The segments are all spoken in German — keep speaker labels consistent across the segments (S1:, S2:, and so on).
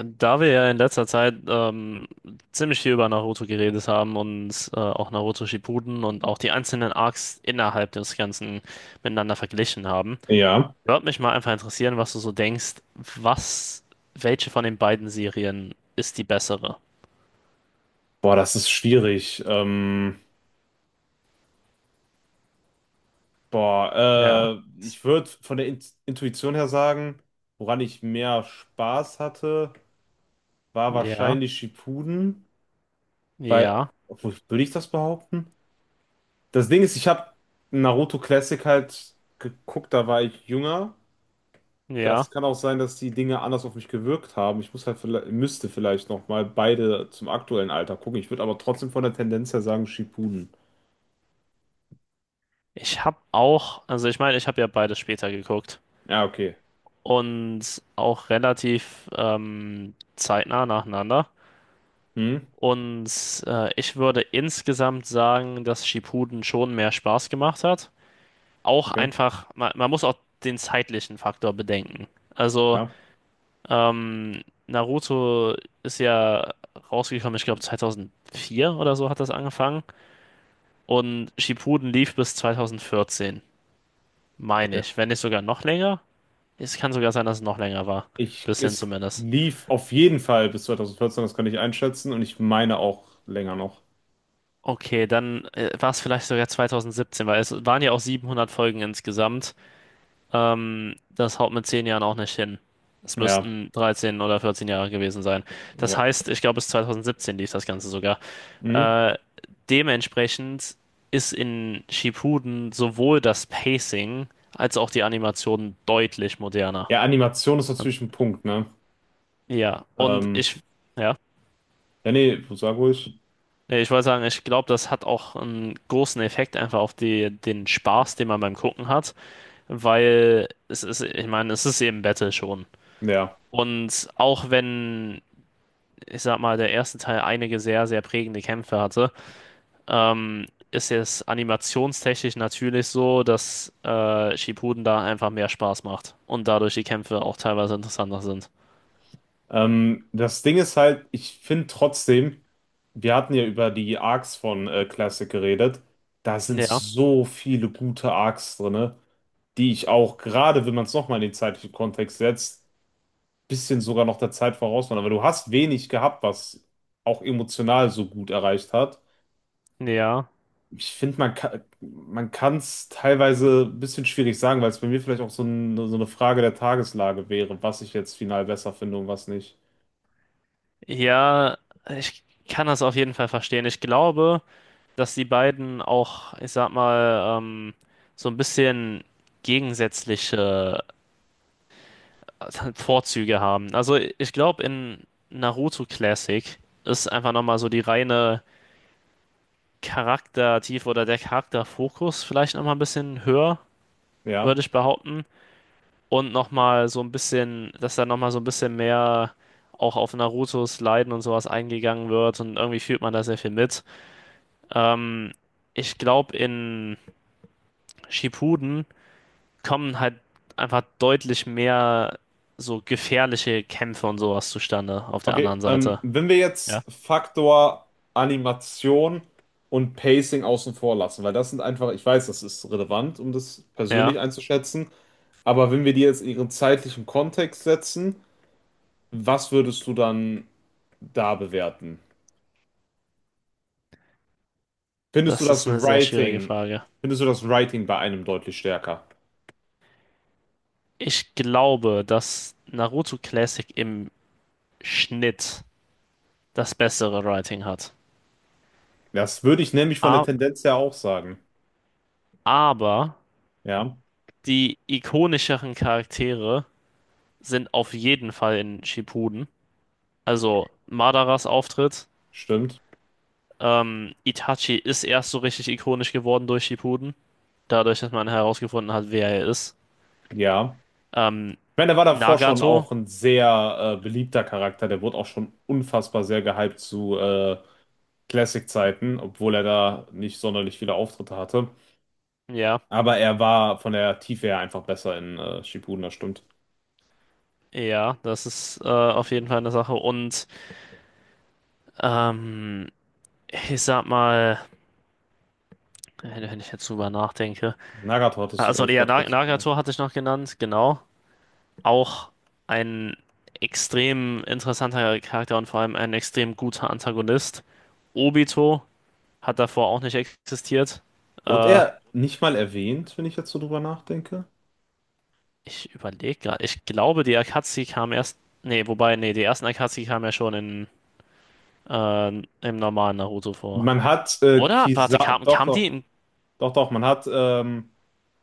S1: Da wir ja in letzter Zeit ziemlich viel über Naruto geredet haben und auch Naruto Shippuden und auch die einzelnen Arcs innerhalb des Ganzen miteinander verglichen haben,
S2: Ja,
S1: würde mich mal einfach interessieren, was du so denkst, was, welche von den beiden Serien ist die bessere?
S2: boah, das ist schwierig.
S1: Ja,
S2: Ich würde von der Intuition her sagen, woran ich mehr Spaß hatte, war
S1: ja,
S2: wahrscheinlich Shippuden, weil,
S1: ja,
S2: obwohl, würde ich das behaupten? Das Ding ist, ich habe Naruto Classic halt geguckt, da war ich jünger. Das
S1: ja.
S2: kann auch sein, dass die Dinge anders auf mich gewirkt haben. Ich muss halt, müsste vielleicht noch mal beide zum aktuellen Alter gucken. Ich würde aber trotzdem von der Tendenz her sagen Shippuden.
S1: Ich habe auch, also ich meine, ich habe ja beides später geguckt
S2: Ja, okay.
S1: und auch relativ zeitnah nacheinander.
S2: Hm,
S1: Und ich würde insgesamt sagen, dass Shippuden schon mehr Spaß gemacht hat. Auch
S2: okay.
S1: einfach, man muss auch den zeitlichen Faktor bedenken. Also,
S2: Ja,
S1: Naruto ist ja rausgekommen, ich glaube 2004 oder so hat das angefangen. Und Shippuden lief bis 2014, meine
S2: okay.
S1: ich. Wenn nicht sogar noch länger. Es kann sogar sein, dass es noch länger war.
S2: Ich,
S1: Bisschen
S2: es
S1: zumindest.
S2: lief auf jeden Fall bis 2014, das kann ich einschätzen. Und ich meine auch länger noch.
S1: Okay, dann war es vielleicht sogar 2017, weil es waren ja auch 700 Folgen insgesamt. Das haut mit 10 Jahren auch nicht hin. Es
S2: Ja,
S1: müssten 13 oder 14 Jahre gewesen sein. Das
S2: ja.
S1: heißt, ich glaube, bis 2017 lief das Ganze sogar.
S2: Mhm.
S1: Äh, dementsprechend ist in Shippuden sowohl das Pacing als auch die Animation deutlich moderner.
S2: Ja, Animation ist natürlich ein Punkt, ne?
S1: Ja, und
S2: Ähm,
S1: ich, ja,
S2: ja, nee, sag ruhig.
S1: Nee, ich wollte sagen, ich glaube, das hat auch einen großen Effekt einfach auf den Spaß, den man beim Gucken hat, weil es ist, ich meine, es ist eben Battle schon.
S2: Ja.
S1: Und auch wenn ich sag mal, der erste Teil einige sehr, sehr prägende Kämpfe hatte, ist jetzt animationstechnisch natürlich so, dass Shippuden da einfach mehr Spaß macht und dadurch die Kämpfe auch teilweise interessanter sind.
S2: Das Ding ist halt, ich finde trotzdem, wir hatten ja über die Arcs von Classic geredet. Da sind
S1: Ja,
S2: so viele gute Arcs drin, die ich auch, gerade wenn man es nochmal in den zeitlichen Kontext setzt, bisschen sogar noch der Zeit voraus waren, aber du hast wenig gehabt, was auch emotional so gut erreicht hat.
S1: ja,
S2: Ich finde, man kann es teilweise ein bisschen schwierig sagen, weil es bei mir vielleicht auch so, ein, so eine Frage der Tageslage wäre, was ich jetzt final besser finde und was nicht.
S1: ja, ich kann das auf jeden Fall verstehen. Ich glaube, dass die beiden auch, ich sag mal, so ein bisschen gegensätzliche Vorzüge haben. Also ich glaube, in Naruto Classic ist einfach nochmal so die reine Charaktertiefe oder der Charakterfokus vielleicht nochmal ein bisschen höher,
S2: Ja.
S1: würde ich behaupten. Und nochmal so ein bisschen, dass da nochmal so ein bisschen mehr auch auf Narutos Leiden und sowas eingegangen wird und irgendwie fühlt man da sehr viel mit. Ähm, ich glaube, in Shippuden kommen halt einfach deutlich mehr so gefährliche Kämpfe und sowas zustande auf der
S2: Okay,
S1: anderen Seite.
S2: wenn wir
S1: Ja.
S2: jetzt Faktor Animation und Pacing außen vor lassen, weil das sind einfach, ich weiß, das ist relevant, um das persönlich
S1: Ja,
S2: einzuschätzen, aber wenn wir die jetzt in ihren zeitlichen Kontext setzen, was würdest du dann da bewerten? Findest du
S1: das ist
S2: das
S1: eine sehr schwierige
S2: Writing,
S1: Frage.
S2: Findest du das Writing bei einem deutlich stärker?
S1: Ich glaube, dass Naruto Classic im Schnitt das bessere Writing hat.
S2: Das würde ich nämlich von der
S1: A-
S2: Tendenz her auch sagen.
S1: Aber
S2: Ja,
S1: die ikonischeren Charaktere sind auf jeden Fall in Shippuden. Also Madaras Auftritt.
S2: stimmt.
S1: Itachi ist erst so richtig ikonisch geworden durch Shippuden. Dadurch, dass man herausgefunden hat, wer er ist.
S2: Ja.
S1: Ähm,
S2: Ich meine, der war davor schon
S1: Nagato.
S2: auch ein sehr beliebter Charakter. Der wurde auch schon unfassbar sehr gehypt zu Classic-Zeiten, obwohl er da nicht sonderlich viele Auftritte hatte.
S1: Ja,
S2: Aber er war von der Tiefe her einfach besser in Shippuden, das stimmt.
S1: ja, das ist auf jeden Fall eine Sache. Und ähm, ich sag mal, wenn ich jetzt drüber nachdenke.
S2: Nagato hattest du, glaube
S1: Also
S2: ich,
S1: ja,
S2: gerade kurz.
S1: Nagato hatte ich noch genannt, genau. Auch ein extrem interessanter Charakter und vor allem ein extrem guter Antagonist. Obito hat davor auch nicht existiert.
S2: Wurde
S1: Äh,
S2: er nicht mal erwähnt, wenn ich jetzt so drüber nachdenke?
S1: ich überlege gerade. Ich glaube, die Akatsuki kam erst. Nee, wobei, nee, die ersten Akatsuki kamen ja schon in, im normalen Naruto vor.
S2: Man hat
S1: Oder? Warte,
S2: Kisa
S1: kam die im,
S2: man hat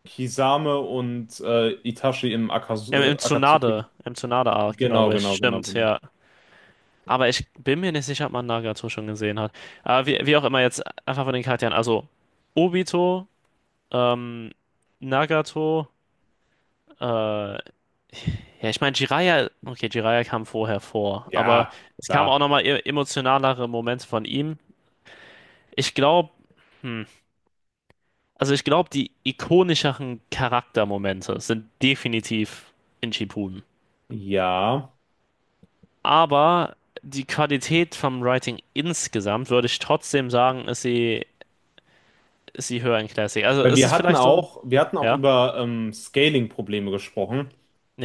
S2: Kisame und Itachi im Akaz
S1: im
S2: Akatsuki.
S1: Tsunade? Im Tsunade-Arc,
S2: Genau,
S1: glaube ich.
S2: genau, genau,
S1: Stimmt,
S2: genau.
S1: ja. Aber ich bin mir nicht sicher, ob man Nagato schon gesehen hat. Aber wie auch immer, jetzt einfach von den Charakteren. Also, Obito, ähm, Nagato, ja, ich meine, Jiraiya, okay, Jiraiya kam vorher vor, aber
S2: Ja,
S1: es kamen auch
S2: klar.
S1: nochmal emotionalere Momente von ihm. Ich glaube, hm, also ich glaube, die ikonischeren Charaktermomente sind definitiv in Shippuden.
S2: Ja,
S1: Aber die Qualität vom Writing insgesamt, würde ich trotzdem sagen, ist sie höher in Classic. Also
S2: weil wir
S1: ist
S2: hatten
S1: vielleicht so ein,
S2: auch, wir hatten auch
S1: ja,
S2: über Scaling-Probleme gesprochen,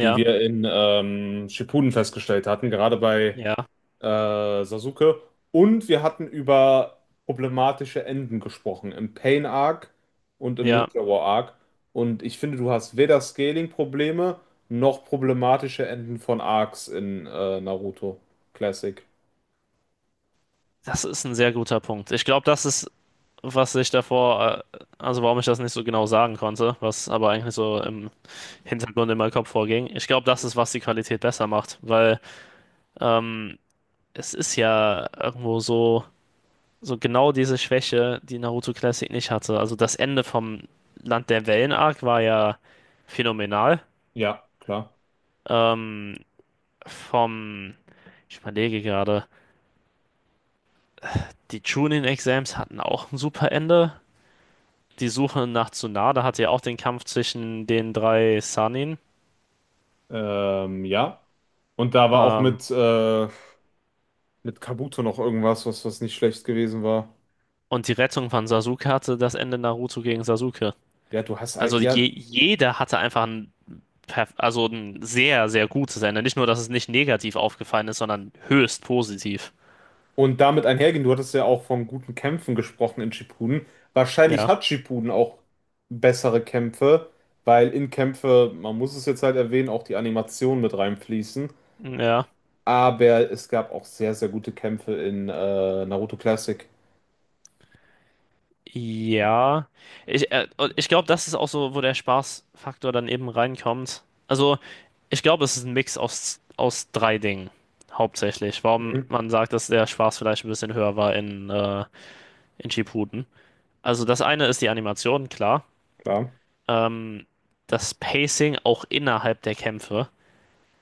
S2: die wir in Shippuden festgestellt hatten, gerade bei
S1: ja,
S2: Sasuke. Und wir hatten über problematische Enden gesprochen, im Pain Arc und im
S1: ja.
S2: Ninja War Arc. Und ich finde, du hast weder Scaling-Probleme noch problematische Enden von Arcs in Naruto Classic.
S1: Das ist ein sehr guter Punkt. Ich glaube, das ist was ich davor, also warum ich das nicht so genau sagen konnte, was aber eigentlich so im Hintergrund in meinem Kopf vorging. Ich glaube, das ist, was die Qualität besser macht, weil ähm, es ist ja irgendwo so, so genau diese Schwäche, die Naruto Classic nicht hatte. Also das Ende vom Land der Wellen-Arc war ja phänomenal.
S2: Ja, klar.
S1: Ähm, vom, ich überlege gerade, die Chunin-Exams hatten auch ein super Ende. Die Suche nach Tsunade hatte ja auch den Kampf zwischen den drei Sannin.
S2: Ja. Und da war auch
S1: Ähm,
S2: mit Kabuto noch irgendwas, was nicht schlecht gewesen war.
S1: und die Rettung von Sasuke hatte das Ende Naruto gegen Sasuke.
S2: Ja, du hast, ei-
S1: Also
S2: ja,
S1: jeder hatte einfach ein, also ein sehr, sehr gutes Ende. Nicht nur, dass es nicht negativ aufgefallen ist, sondern höchst positiv.
S2: Und damit einhergehend, du hattest ja auch von guten Kämpfen gesprochen in Shippuden. Wahrscheinlich
S1: Ja,
S2: hat Shippuden auch bessere Kämpfe, weil in Kämpfe, man muss es jetzt halt erwähnen, auch die Animationen mit reinfließen.
S1: ja,
S2: Aber es gab auch sehr, sehr gute Kämpfe in Naruto Classic.
S1: ja. Und ich glaube, das ist auch so, wo der Spaßfaktor dann eben reinkommt. Also, ich glaube, es ist ein Mix aus, aus drei Dingen. Hauptsächlich, warum
S2: Mhm,
S1: man sagt, dass der Spaß vielleicht ein bisschen höher war in Shippuden. Also das eine ist die Animation, klar.
S2: klar,
S1: ähm, das Pacing auch innerhalb der Kämpfe.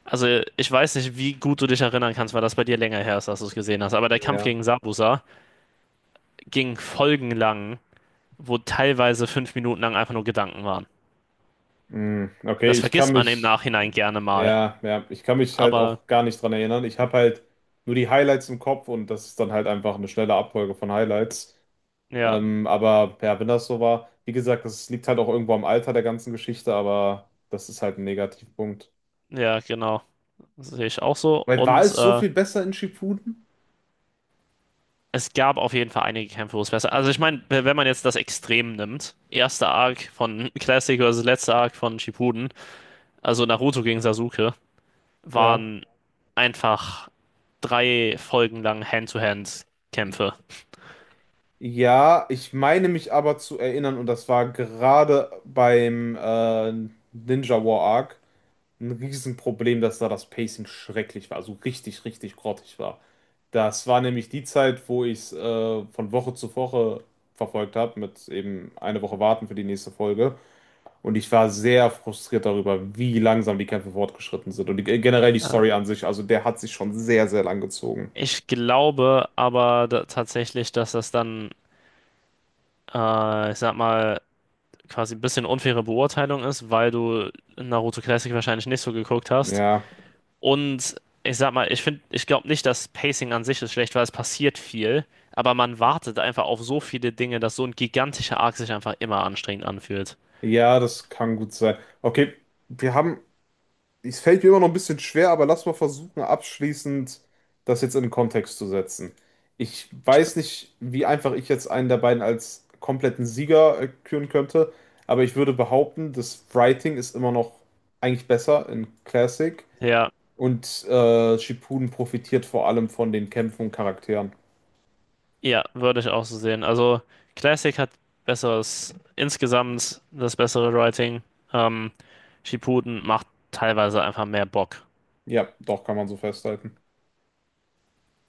S1: Also ich weiß nicht, wie gut du dich erinnern kannst, weil das bei dir länger her ist, dass du es gesehen hast. Aber der Kampf
S2: ja.
S1: gegen Sabusa ging folgenlang, wo teilweise 5 Minuten lang einfach nur Gedanken waren.
S2: Mhm, okay,
S1: Das
S2: ich kann
S1: vergisst man im
S2: mich,
S1: Nachhinein gerne mal.
S2: ja, ich kann mich halt
S1: Aber
S2: auch gar nicht dran erinnern. Ich habe halt nur die Highlights im Kopf und das ist dann halt einfach eine schnelle Abfolge von Highlights.
S1: ja,
S2: Aber ja, wenn das so war, wie gesagt, das liegt halt auch irgendwo am Alter der ganzen Geschichte, aber das ist halt ein Negativpunkt.
S1: ja, genau. Das sehe ich auch so.
S2: Weil war
S1: Und
S2: es so viel besser in Shippuden?
S1: es gab auf jeden Fall einige Kämpfe, wo es besser. Also ich meine, wenn man jetzt das Extrem nimmt, erster Arc von Classic versus letzter Arc von Shippuden, also Naruto gegen Sasuke,
S2: Ja.
S1: waren einfach drei Folgen lang Hand-to-Hand-Kämpfe.
S2: Ja, ich meine mich aber zu erinnern, und das war gerade beim Ninja War Arc ein Riesenproblem, dass da das Pacing schrecklich war, also richtig, richtig grottig war. Das war nämlich die Zeit, wo ich es von Woche zu Woche verfolgt habe, mit eben eine Woche warten für die nächste Folge. Und ich war sehr frustriert darüber, wie langsam die Kämpfe fortgeschritten sind. Und die, generell die
S1: Äh,
S2: Story an sich, also der hat sich schon sehr, sehr lang gezogen.
S1: ich glaube aber da, tatsächlich, dass das dann, ich sag mal, quasi ein bisschen unfaire Beurteilung ist, weil du Naruto Classic wahrscheinlich nicht so geguckt hast.
S2: Ja,
S1: Und ich sag mal, ich finde, ich glaube nicht, dass Pacing an sich ist schlecht, weil es passiert viel, aber man wartet einfach auf so viele Dinge, dass so ein gigantischer Arc sich einfach immer anstrengend anfühlt.
S2: ja, das kann gut sein. Okay, wir haben, es fällt mir immer noch ein bisschen schwer, aber lass mal versuchen, abschließend das jetzt in den Kontext zu setzen. Ich
S1: Ich,
S2: weiß nicht, wie einfach ich jetzt einen der beiden als kompletten Sieger küren könnte, aber ich würde behaupten, das Writing ist immer noch eigentlich besser in Classic.
S1: ja,
S2: Und Shippuden profitiert vor allem von den Kämpfen und Charakteren.
S1: ja, würde ich auch so sehen. Also Classic hat insgesamt das bessere Writing. Ähm, Shippuden macht teilweise einfach mehr Bock.
S2: Ja, doch, kann man so festhalten.